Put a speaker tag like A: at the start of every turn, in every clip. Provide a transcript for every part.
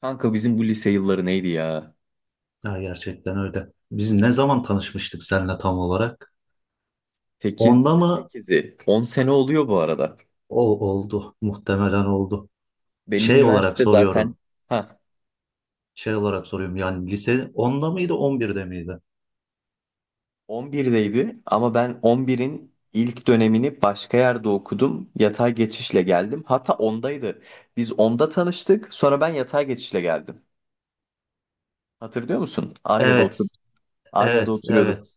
A: Kanka bizim bu lise yılları neydi ya?
B: Ya gerçekten öyle. Biz ne zaman tanışmıştık seninle tam olarak?
A: 8,
B: 10'da mı?
A: 8'i. 10 sene oluyor bu arada.
B: O oldu. Muhtemelen oldu.
A: Benim
B: Şey olarak
A: üniversite zaten
B: soruyorum.
A: ha
B: Şey olarak soruyorum. Yani lise onda mıydı, 11'de miydi?
A: 11'deydi ama ben 11'in ilk dönemini başka yerde okudum. Yatay geçişle geldim. Hatta 10'daydı. Biz 10'da tanıştık. Sonra ben yatay geçişle geldim. Hatırlıyor musun? Arya'da
B: Evet,
A: oturduk. Arya'da
B: evet,
A: oturuyorduk.
B: evet.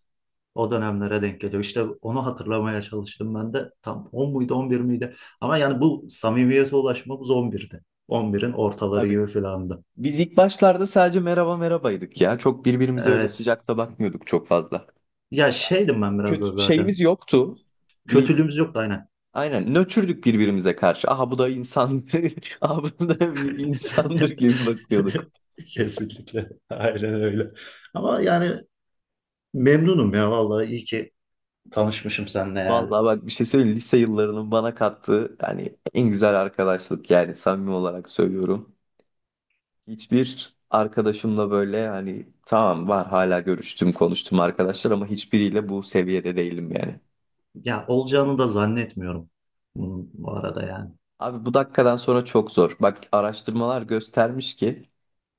B: O dönemlere denk geliyor. İşte onu hatırlamaya çalıştım ben de. Tam 10 muydu, 11 miydi? Ama yani bu samimiyete ulaşmamız 11'de. 11'in ortaları
A: Tabii.
B: gibi filandı.
A: Biz ilk başlarda sadece merhaba merhabaydık ya. Çok birbirimize öyle
B: Evet.
A: sıcakta bakmıyorduk çok fazla.
B: Ya şeydim ben biraz
A: Kötü
B: da
A: şeyimiz
B: zaten.
A: yoktu. Bir
B: Kötülüğümüz yoktu aynen.
A: Aynen nötrdük birbirimize karşı. Aha bu da insan. Aha bu da bir insandır gibi bakıyorduk.
B: Kesinlikle. Aynen öyle. Ama yani memnunum ya vallahi iyi ki tanışmışım seninle yani.
A: Vallahi bak bir şey söyleyeyim. Lise yıllarının bana kattığı yani en güzel arkadaşlık, yani samimi olarak söylüyorum. Hiçbir arkadaşımla böyle hani tamam var, hala görüştüm konuştum arkadaşlar, ama hiçbiriyle bu seviyede değilim yani.
B: Ya olacağını da zannetmiyorum bunun bu arada yani.
A: Abi bu dakikadan sonra çok zor. Bak araştırmalar göstermiş ki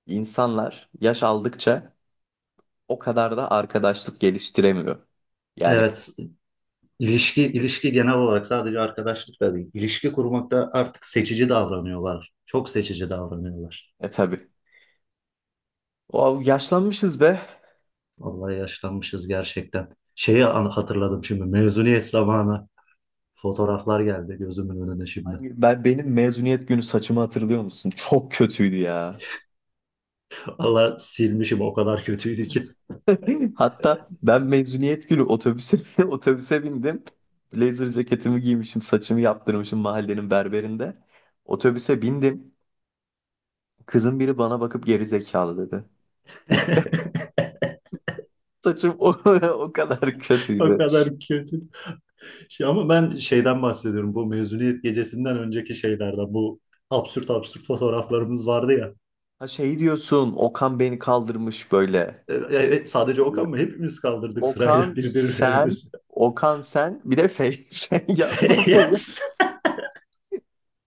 A: insanlar yaş aldıkça o kadar da arkadaşlık geliştiremiyor. Yani
B: Evet, ilişki genel olarak sadece arkadaşlıkla değil. İlişki kurmakta artık seçici davranıyorlar. Çok seçici davranıyorlar.
A: tabii. O, yaşlanmışız be.
B: Vallahi yaşlanmışız gerçekten. Hatırladım şimdi mezuniyet zamanı. Fotoğraflar geldi gözümün önüne şimdi.
A: Ben benim mezuniyet günü saçımı hatırlıyor musun? Çok kötüydü ya.
B: Vallahi silmişim, o kadar kötüydü ki.
A: Hatta ben mezuniyet günü otobüse otobüse bindim. Blazer ceketimi giymişim, saçımı yaptırmışım mahallenin berberinde. Otobüse bindim. Kızın biri bana bakıp geri zekalı dedi. Saçım o kadar
B: O
A: kötüydü.
B: kadar kötü. Şey, ama ben şeyden bahsediyorum. Bu mezuniyet gecesinden önceki şeylerden. Bu absürt absürt fotoğraflarımız vardı ya.
A: Ha şey diyorsun, Okan beni kaldırmış böyle.
B: E, evet, sadece Okan mı? Hepimiz kaldırdık
A: Okan
B: sırayla
A: sen,
B: birbirlerimizi.
A: Okan sen, bir de Feyyaz lan,
B: Yes.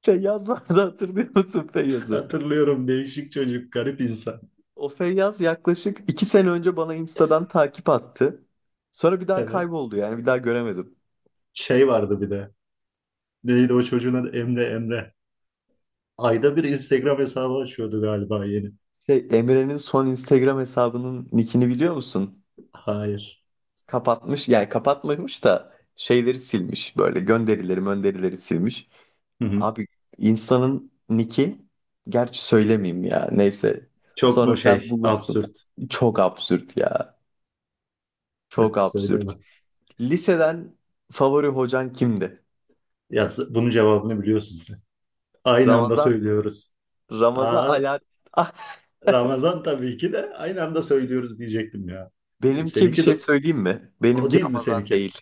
A: Feyyaz vardı, hatırlıyor musun Feyyaz'ı?
B: Hatırlıyorum. Değişik çocuk, garip insan.
A: O Feyyaz yaklaşık iki sene önce bana Insta'dan takip attı. Sonra bir daha
B: Evet.
A: kayboldu, yani bir daha göremedim.
B: Şey vardı bir de. Neydi o çocuğun adı? Emre, Emre. Ayda bir Instagram hesabı açıyordu galiba yeni.
A: Şey, Emre'nin son Instagram hesabının nickini biliyor musun?
B: Hayır.
A: Kapatmış, yani kapatmamış da şeyleri silmiş böyle, gönderileri gönderileri silmiş.
B: Hı hı.
A: Abi insanın nicki, gerçi söylemeyeyim ya, neyse.
B: Çok
A: Sonra
B: mu
A: sen
B: şey
A: bulursun.
B: absürt?
A: Çok absürt ya. Çok
B: Evet,
A: absürt.
B: söyleme.
A: Liseden favori hocan kimdi?
B: Bunun cevabını biliyorsun sen. Aynı anda
A: Ramazan
B: söylüyoruz.
A: Ramazan
B: Aa,
A: ala, ah,
B: Ramazan, tabii ki de aynı anda söylüyoruz diyecektim ya.
A: benimki bir
B: Seninki de
A: şey söyleyeyim mi?
B: o
A: Benimki
B: değil mi
A: Ramazan
B: seninki?
A: değil.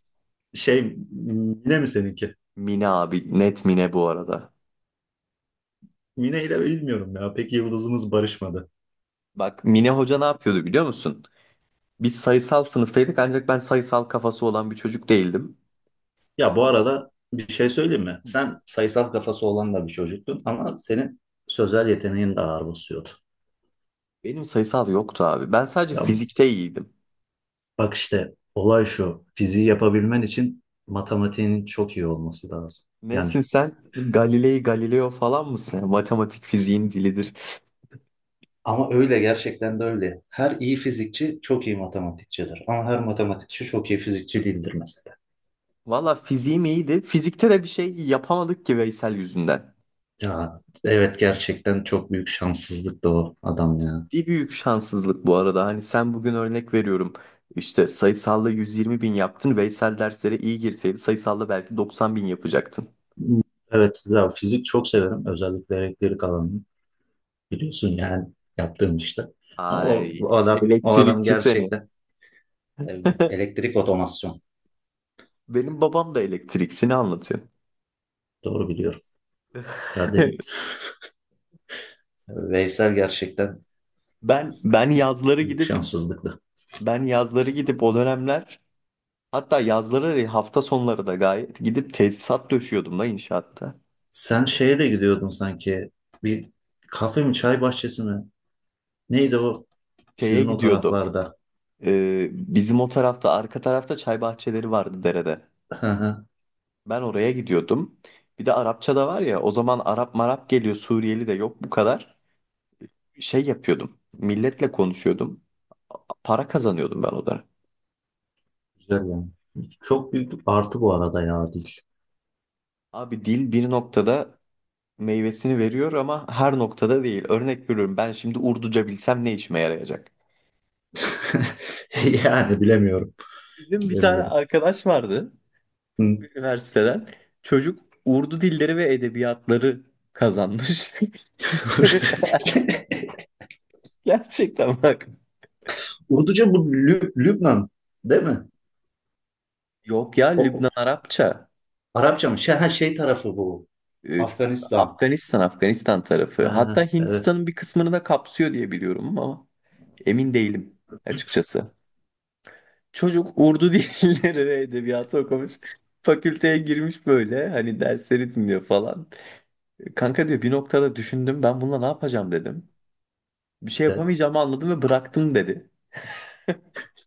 B: Şey, Mine mi seninki?
A: Mine abi. Net Mine bu arada.
B: Mine ile bilmiyorum ya. Pek yıldızımız barışmadı.
A: Bak Mine hoca ne yapıyordu biliyor musun? Biz sayısal sınıftaydık ancak ben sayısal kafası olan bir çocuk değildim.
B: Ya bu arada bir şey söyleyeyim mi? Sen sayısal kafası olan da bir çocuktun ama senin sözel yeteneğin de ağır basıyordu.
A: Benim sayısal yoktu abi. Ben sadece
B: Ya
A: fizikte iyiydim.
B: bak işte olay şu. Fiziği yapabilmen için matematiğinin çok iyi olması lazım. Yani,
A: Nesin sen? Galilei Galileo falan mısın? Yani matematik fiziğin dilidir.
B: ama öyle, gerçekten de öyle. Her iyi fizikçi çok iyi matematikçidir. Ama her matematikçi çok iyi fizikçi değildir mesela.
A: Valla fiziğim iyiydi. Fizikte de bir şey yapamadık ki Veysel yüzünden.
B: Ya evet, gerçekten çok büyük şanssızlık da o adam ya.
A: Ciddi büyük şanssızlık bu arada. Hani sen, bugün örnek veriyorum. İşte sayısalla 120 bin yaptın. Veysel derslere iyi girseydi sayısalla belki 90 bin yapacaktın.
B: Evet, ya fizik çok severim. Özellikle elektrik alanını biliyorsun yani, yaptığım işte. Ama o,
A: Ay,
B: o adam o adam
A: elektrikçi seni.
B: gerçekten öyle. Elektrik otomasyon.
A: Benim babam da elektrikçi, ne anlatıyor?
B: Doğru biliyorum. Ya dedim, Veysel gerçekten
A: Ben yazları
B: büyük
A: gidip
B: şanssızlıktı.
A: o dönemler, hatta yazları da değil, hafta sonları da gayet gidip tesisat döşüyordum da inşaatta.
B: Sen şeye de gidiyordun sanki. Bir kafe mi, çay bahçesi mi? Neydi o?
A: Şeye
B: Sizin o
A: gidiyordum.
B: taraflarda.
A: Bizim o tarafta, arka tarafta çay bahçeleri vardı derede.
B: Hı hı.
A: Ben oraya gidiyordum. Bir de Arapça da var ya, o zaman Arap marap geliyor, Suriyeli de yok bu kadar. Şey yapıyordum. Milletle konuşuyordum. Para kazanıyordum ben o da.
B: Güzel yani. Çok büyük bir artı bu arada ya dil.
A: Abi dil bir noktada meyvesini veriyor, ama her noktada değil. Örnek veriyorum, ben şimdi Urduca bilsem ne işime yarayacak?
B: Yani bilemiyorum.
A: Bizim bir tane
B: Bilemiyorum.
A: arkadaş vardı
B: Hı.
A: üniversiteden. Çocuk Urdu dilleri ve edebiyatları kazanmış.
B: Urdu dili.
A: Gerçekten bak.
B: Urduca bu Lübnan değil mi?
A: Yok ya,
B: O, o-
A: Lübnan Arapça.
B: Arapça mı? Şey, ha, şey tarafı bu.
A: Ee,
B: Afganistan.
A: Afganistan, Afganistan tarafı.
B: Ha,
A: Hatta
B: evet,
A: Hindistan'ın bir kısmını da kapsıyor diye biliyorum ama emin değilim açıkçası. Çocuk Urdu dilleri ve edebiyatı okumuş. Fakülteye girmiş böyle, hani dersleri dinliyor falan. Kanka diyor, bir noktada düşündüm ben, bununla ne yapacağım dedim. Bir şey
B: evet.
A: yapamayacağımı anladım ve bıraktım dedi.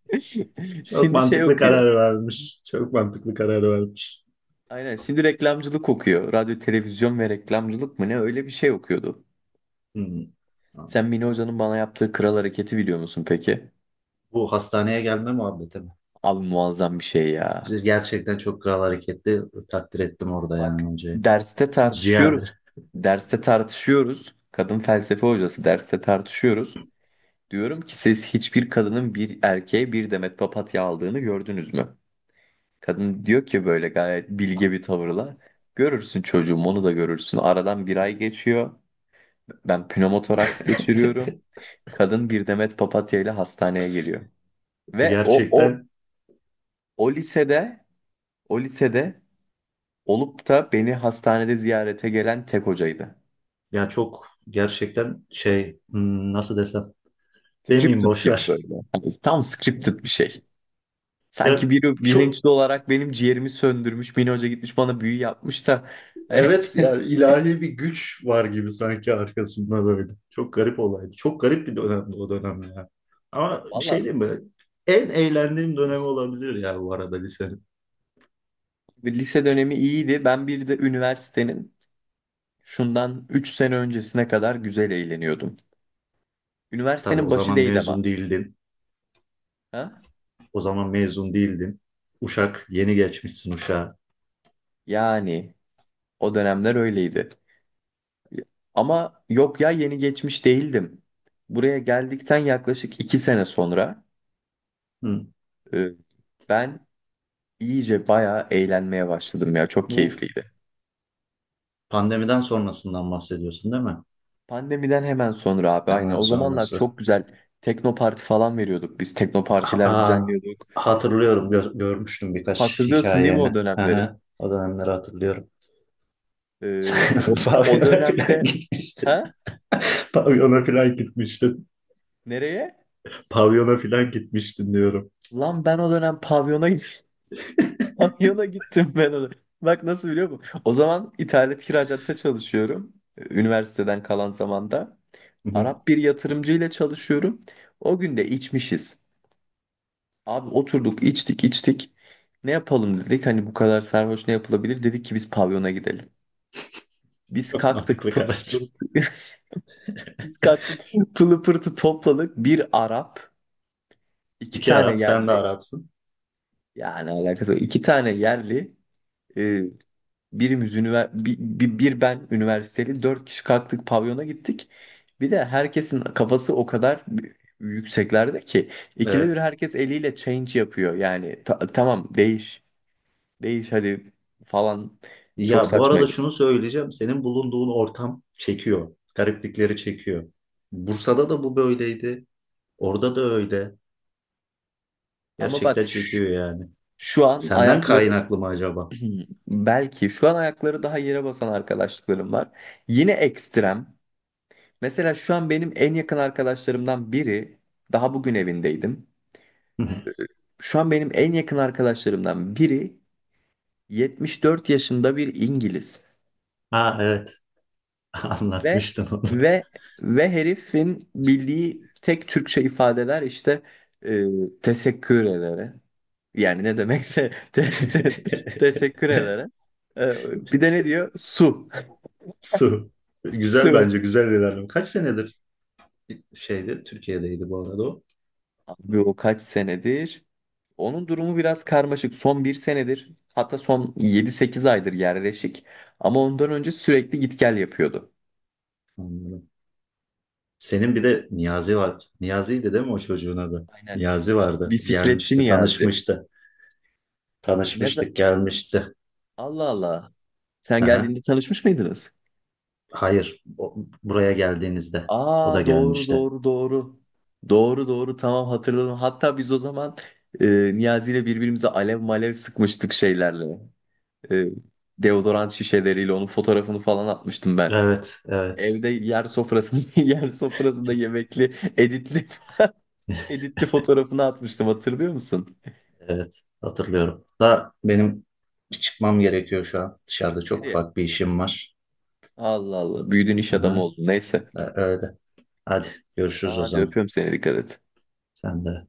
B: Çok
A: Şimdi şey
B: mantıklı
A: okuyor.
B: karar vermiş. Çok mantıklı karar vermiş.
A: Aynen, şimdi reklamcılık okuyor. Radyo, televizyon ve reklamcılık mı ne, öyle bir şey okuyordu.
B: Hı.
A: Sen Mine Hoca'nın bana yaptığı kral hareketi biliyor musun peki?
B: Bu hastaneye gelme muhabbeti mi?
A: Abi muazzam bir şey ya.
B: Gerçekten çok kral hareketli, takdir ettim orada
A: Bak,
B: yani hocayı.
A: derste
B: Ciğerli.
A: tartışıyoruz. Derste tartışıyoruz. Kadın felsefe hocası, derste tartışıyoruz. Diyorum ki siz hiçbir kadının bir erkeğe bir demet papatya aldığını gördünüz mü? Kadın diyor ki böyle gayet bilge bir tavırla. Görürsün çocuğum, onu da görürsün. Aradan bir ay geçiyor. Ben pnömotoraks geçiriyorum. Kadın bir demet papatya ile hastaneye geliyor.
B: E,
A: Ve
B: gerçekten
A: o lisede o lisede olup da beni hastanede ziyarete gelen tek hocaydı.
B: ya, çok gerçekten şey, nasıl desem, demeyeyim,
A: Scripted
B: boş
A: gibi
B: ver.
A: böyle. Hani tam scripted bir şey. Sanki
B: Ya
A: biri
B: çok,
A: bilinçli olarak benim ciğerimi söndürmüş, beni, hoca gitmiş bana büyü yapmış da.
B: evet, yani ilahi bir güç var gibi sanki arkasında böyle. Çok garip olaydı. Çok garip bir dönemdi o dönem ya. Ama bir
A: Valla
B: şey diyeyim mi? En eğlendiğim dönemi olabilir ya bu arada lisenin.
A: lise dönemi iyiydi. Ben bir de üniversitenin şundan 3 sene öncesine kadar güzel eğleniyordum.
B: Tabii,
A: Üniversitenin
B: o
A: başı
B: zaman
A: değil ama.
B: mezun değildin.
A: Ha?
B: O zaman mezun değildin. Uşak, yeni geçmişsin uşağa.
A: Yani o dönemler öyleydi. Ama yok ya, yeni geçmiş değildim. Buraya geldikten yaklaşık 2 sene sonra
B: Hı.
A: Ee, Ben iyice bayağı eğlenmeye başladım ya. Çok
B: Bu
A: keyifliydi.
B: pandemiden sonrasından bahsediyorsun değil mi?
A: Pandemiden hemen sonra abi, aynen.
B: Hemen
A: O zamanlar
B: sonrası.
A: çok güzel teknoparti falan veriyorduk. Biz teknopartiler
B: Aa,
A: düzenliyorduk.
B: hatırlıyorum. Görmüştüm birkaç
A: Hatırlıyorsun değil mi
B: hikayeni.
A: o
B: Hı
A: dönemleri?
B: hı. O dönemleri hatırlıyorum. Sen
A: O, o
B: pavyona falan
A: dönemde
B: gitmiştin.
A: ha?
B: Pavyona falan gitmiştin.
A: Nereye?
B: Pavyona falan gitmiştin diyorum.
A: Lan ben o dönem pavyona gittim. Pavyona gittim ben o dönem. Bak nasıl biliyor musun? O zaman ithalat kiracaatta çalışıyorum. Üniversiteden kalan zamanda.
B: Hı hı.
A: Arap bir yatırımcı ile çalışıyorum. O gün de içmişiz. Abi oturduk içtik içtik. Ne yapalım dedik, hani bu kadar sarhoş ne yapılabilir? Dedik ki biz pavyona gidelim. Biz
B: Çok
A: kalktık
B: mantıklı
A: pılı
B: karar.
A: pırtı. Biz kalktık pılı pırtı topladık. Bir Arap, iki
B: İki
A: tane
B: Arap, sen de
A: yerli.
B: Arapsın.
A: Yani alakası yok. İki tane yerli. E, birimiz üniver bir, bir, bir ben üniversiteli. Dört kişi kalktık pavyona gittik. Bir de herkesin kafası o kadar yükseklerde ki ikide bir
B: Evet.
A: herkes eliyle change yapıyor. Yani tamam, değiş. Değiş hadi falan, çok
B: Ya bu arada
A: saçmaydı.
B: şunu söyleyeceğim. Senin bulunduğun ortam çekiyor. Gariplikleri çekiyor. Bursa'da da bu böyleydi. Orada da öyle.
A: Ama bak
B: Gerçekten
A: ş-
B: çekiyor yani.
A: şu an
B: Senden
A: ayakları
B: kaynaklı mı acaba?
A: belki şu an ayakları daha yere basan arkadaşlıklarım var. Yine ekstrem. Mesela şu an benim en yakın arkadaşlarımdan biri, daha bugün evindeydim. Ee, Şu an benim en yakın arkadaşlarımdan biri 74 yaşında bir İngiliz
B: Ha evet.
A: ve
B: Anlatmıştım onu.
A: ve ve herifin bildiği tek Türkçe ifadeler işte teşekkür ederim. Yani ne demekse teşekkür ederim. Bir de ne diyor? Su.
B: Su. Güzel,
A: Su.
B: bence güzel bir ilerleme. Kaç senedir şeyde, Türkiye'deydi bu arada o.
A: Abi o kaç senedir? Onun durumu biraz karmaşık. Son bir senedir, hatta son yedi sekiz aydır yerleşik. Ama ondan önce sürekli git gel yapıyordu.
B: Anladım. Senin bir de Niyazi var. Niyazi'ydi değil mi o çocuğun adı?
A: Aynen.
B: Niyazi vardı.
A: Bisikletçi
B: Gelmişti,
A: Niyazi.
B: tanışmıştı.
A: Ne za-
B: Tanışmıştık, gelmişti.
A: Allah Allah. Sen
B: Aha.
A: geldiğinde tanışmış mıydınız?
B: Hayır, buraya geldiğinizde o da
A: Aa, doğru
B: gelmişti.
A: doğru doğru. Doğru doğru, tamam hatırladım. Hatta biz o zaman e, Niyazi ile birbirimize alev malev sıkmıştık şeylerle. E, Deodorant şişeleriyle onun fotoğrafını falan atmıştım ben.
B: Evet, evet,
A: Evde yer sofrasında yer sofrasında yemekli editli editli fotoğrafını atmıştım, hatırlıyor musun?
B: evet. Hatırlıyorum. Da benim çıkmam gerekiyor şu an. Dışarıda çok
A: Nereye?
B: ufak bir işim var.
A: Allah Allah, büyüdün, iş adamı
B: Aha.
A: oldun, neyse.
B: Öyle. Hadi,
A: Tamam
B: görüşürüz o
A: hadi,
B: zaman.
A: öpüyorum seni, dikkat et.
B: Sen de.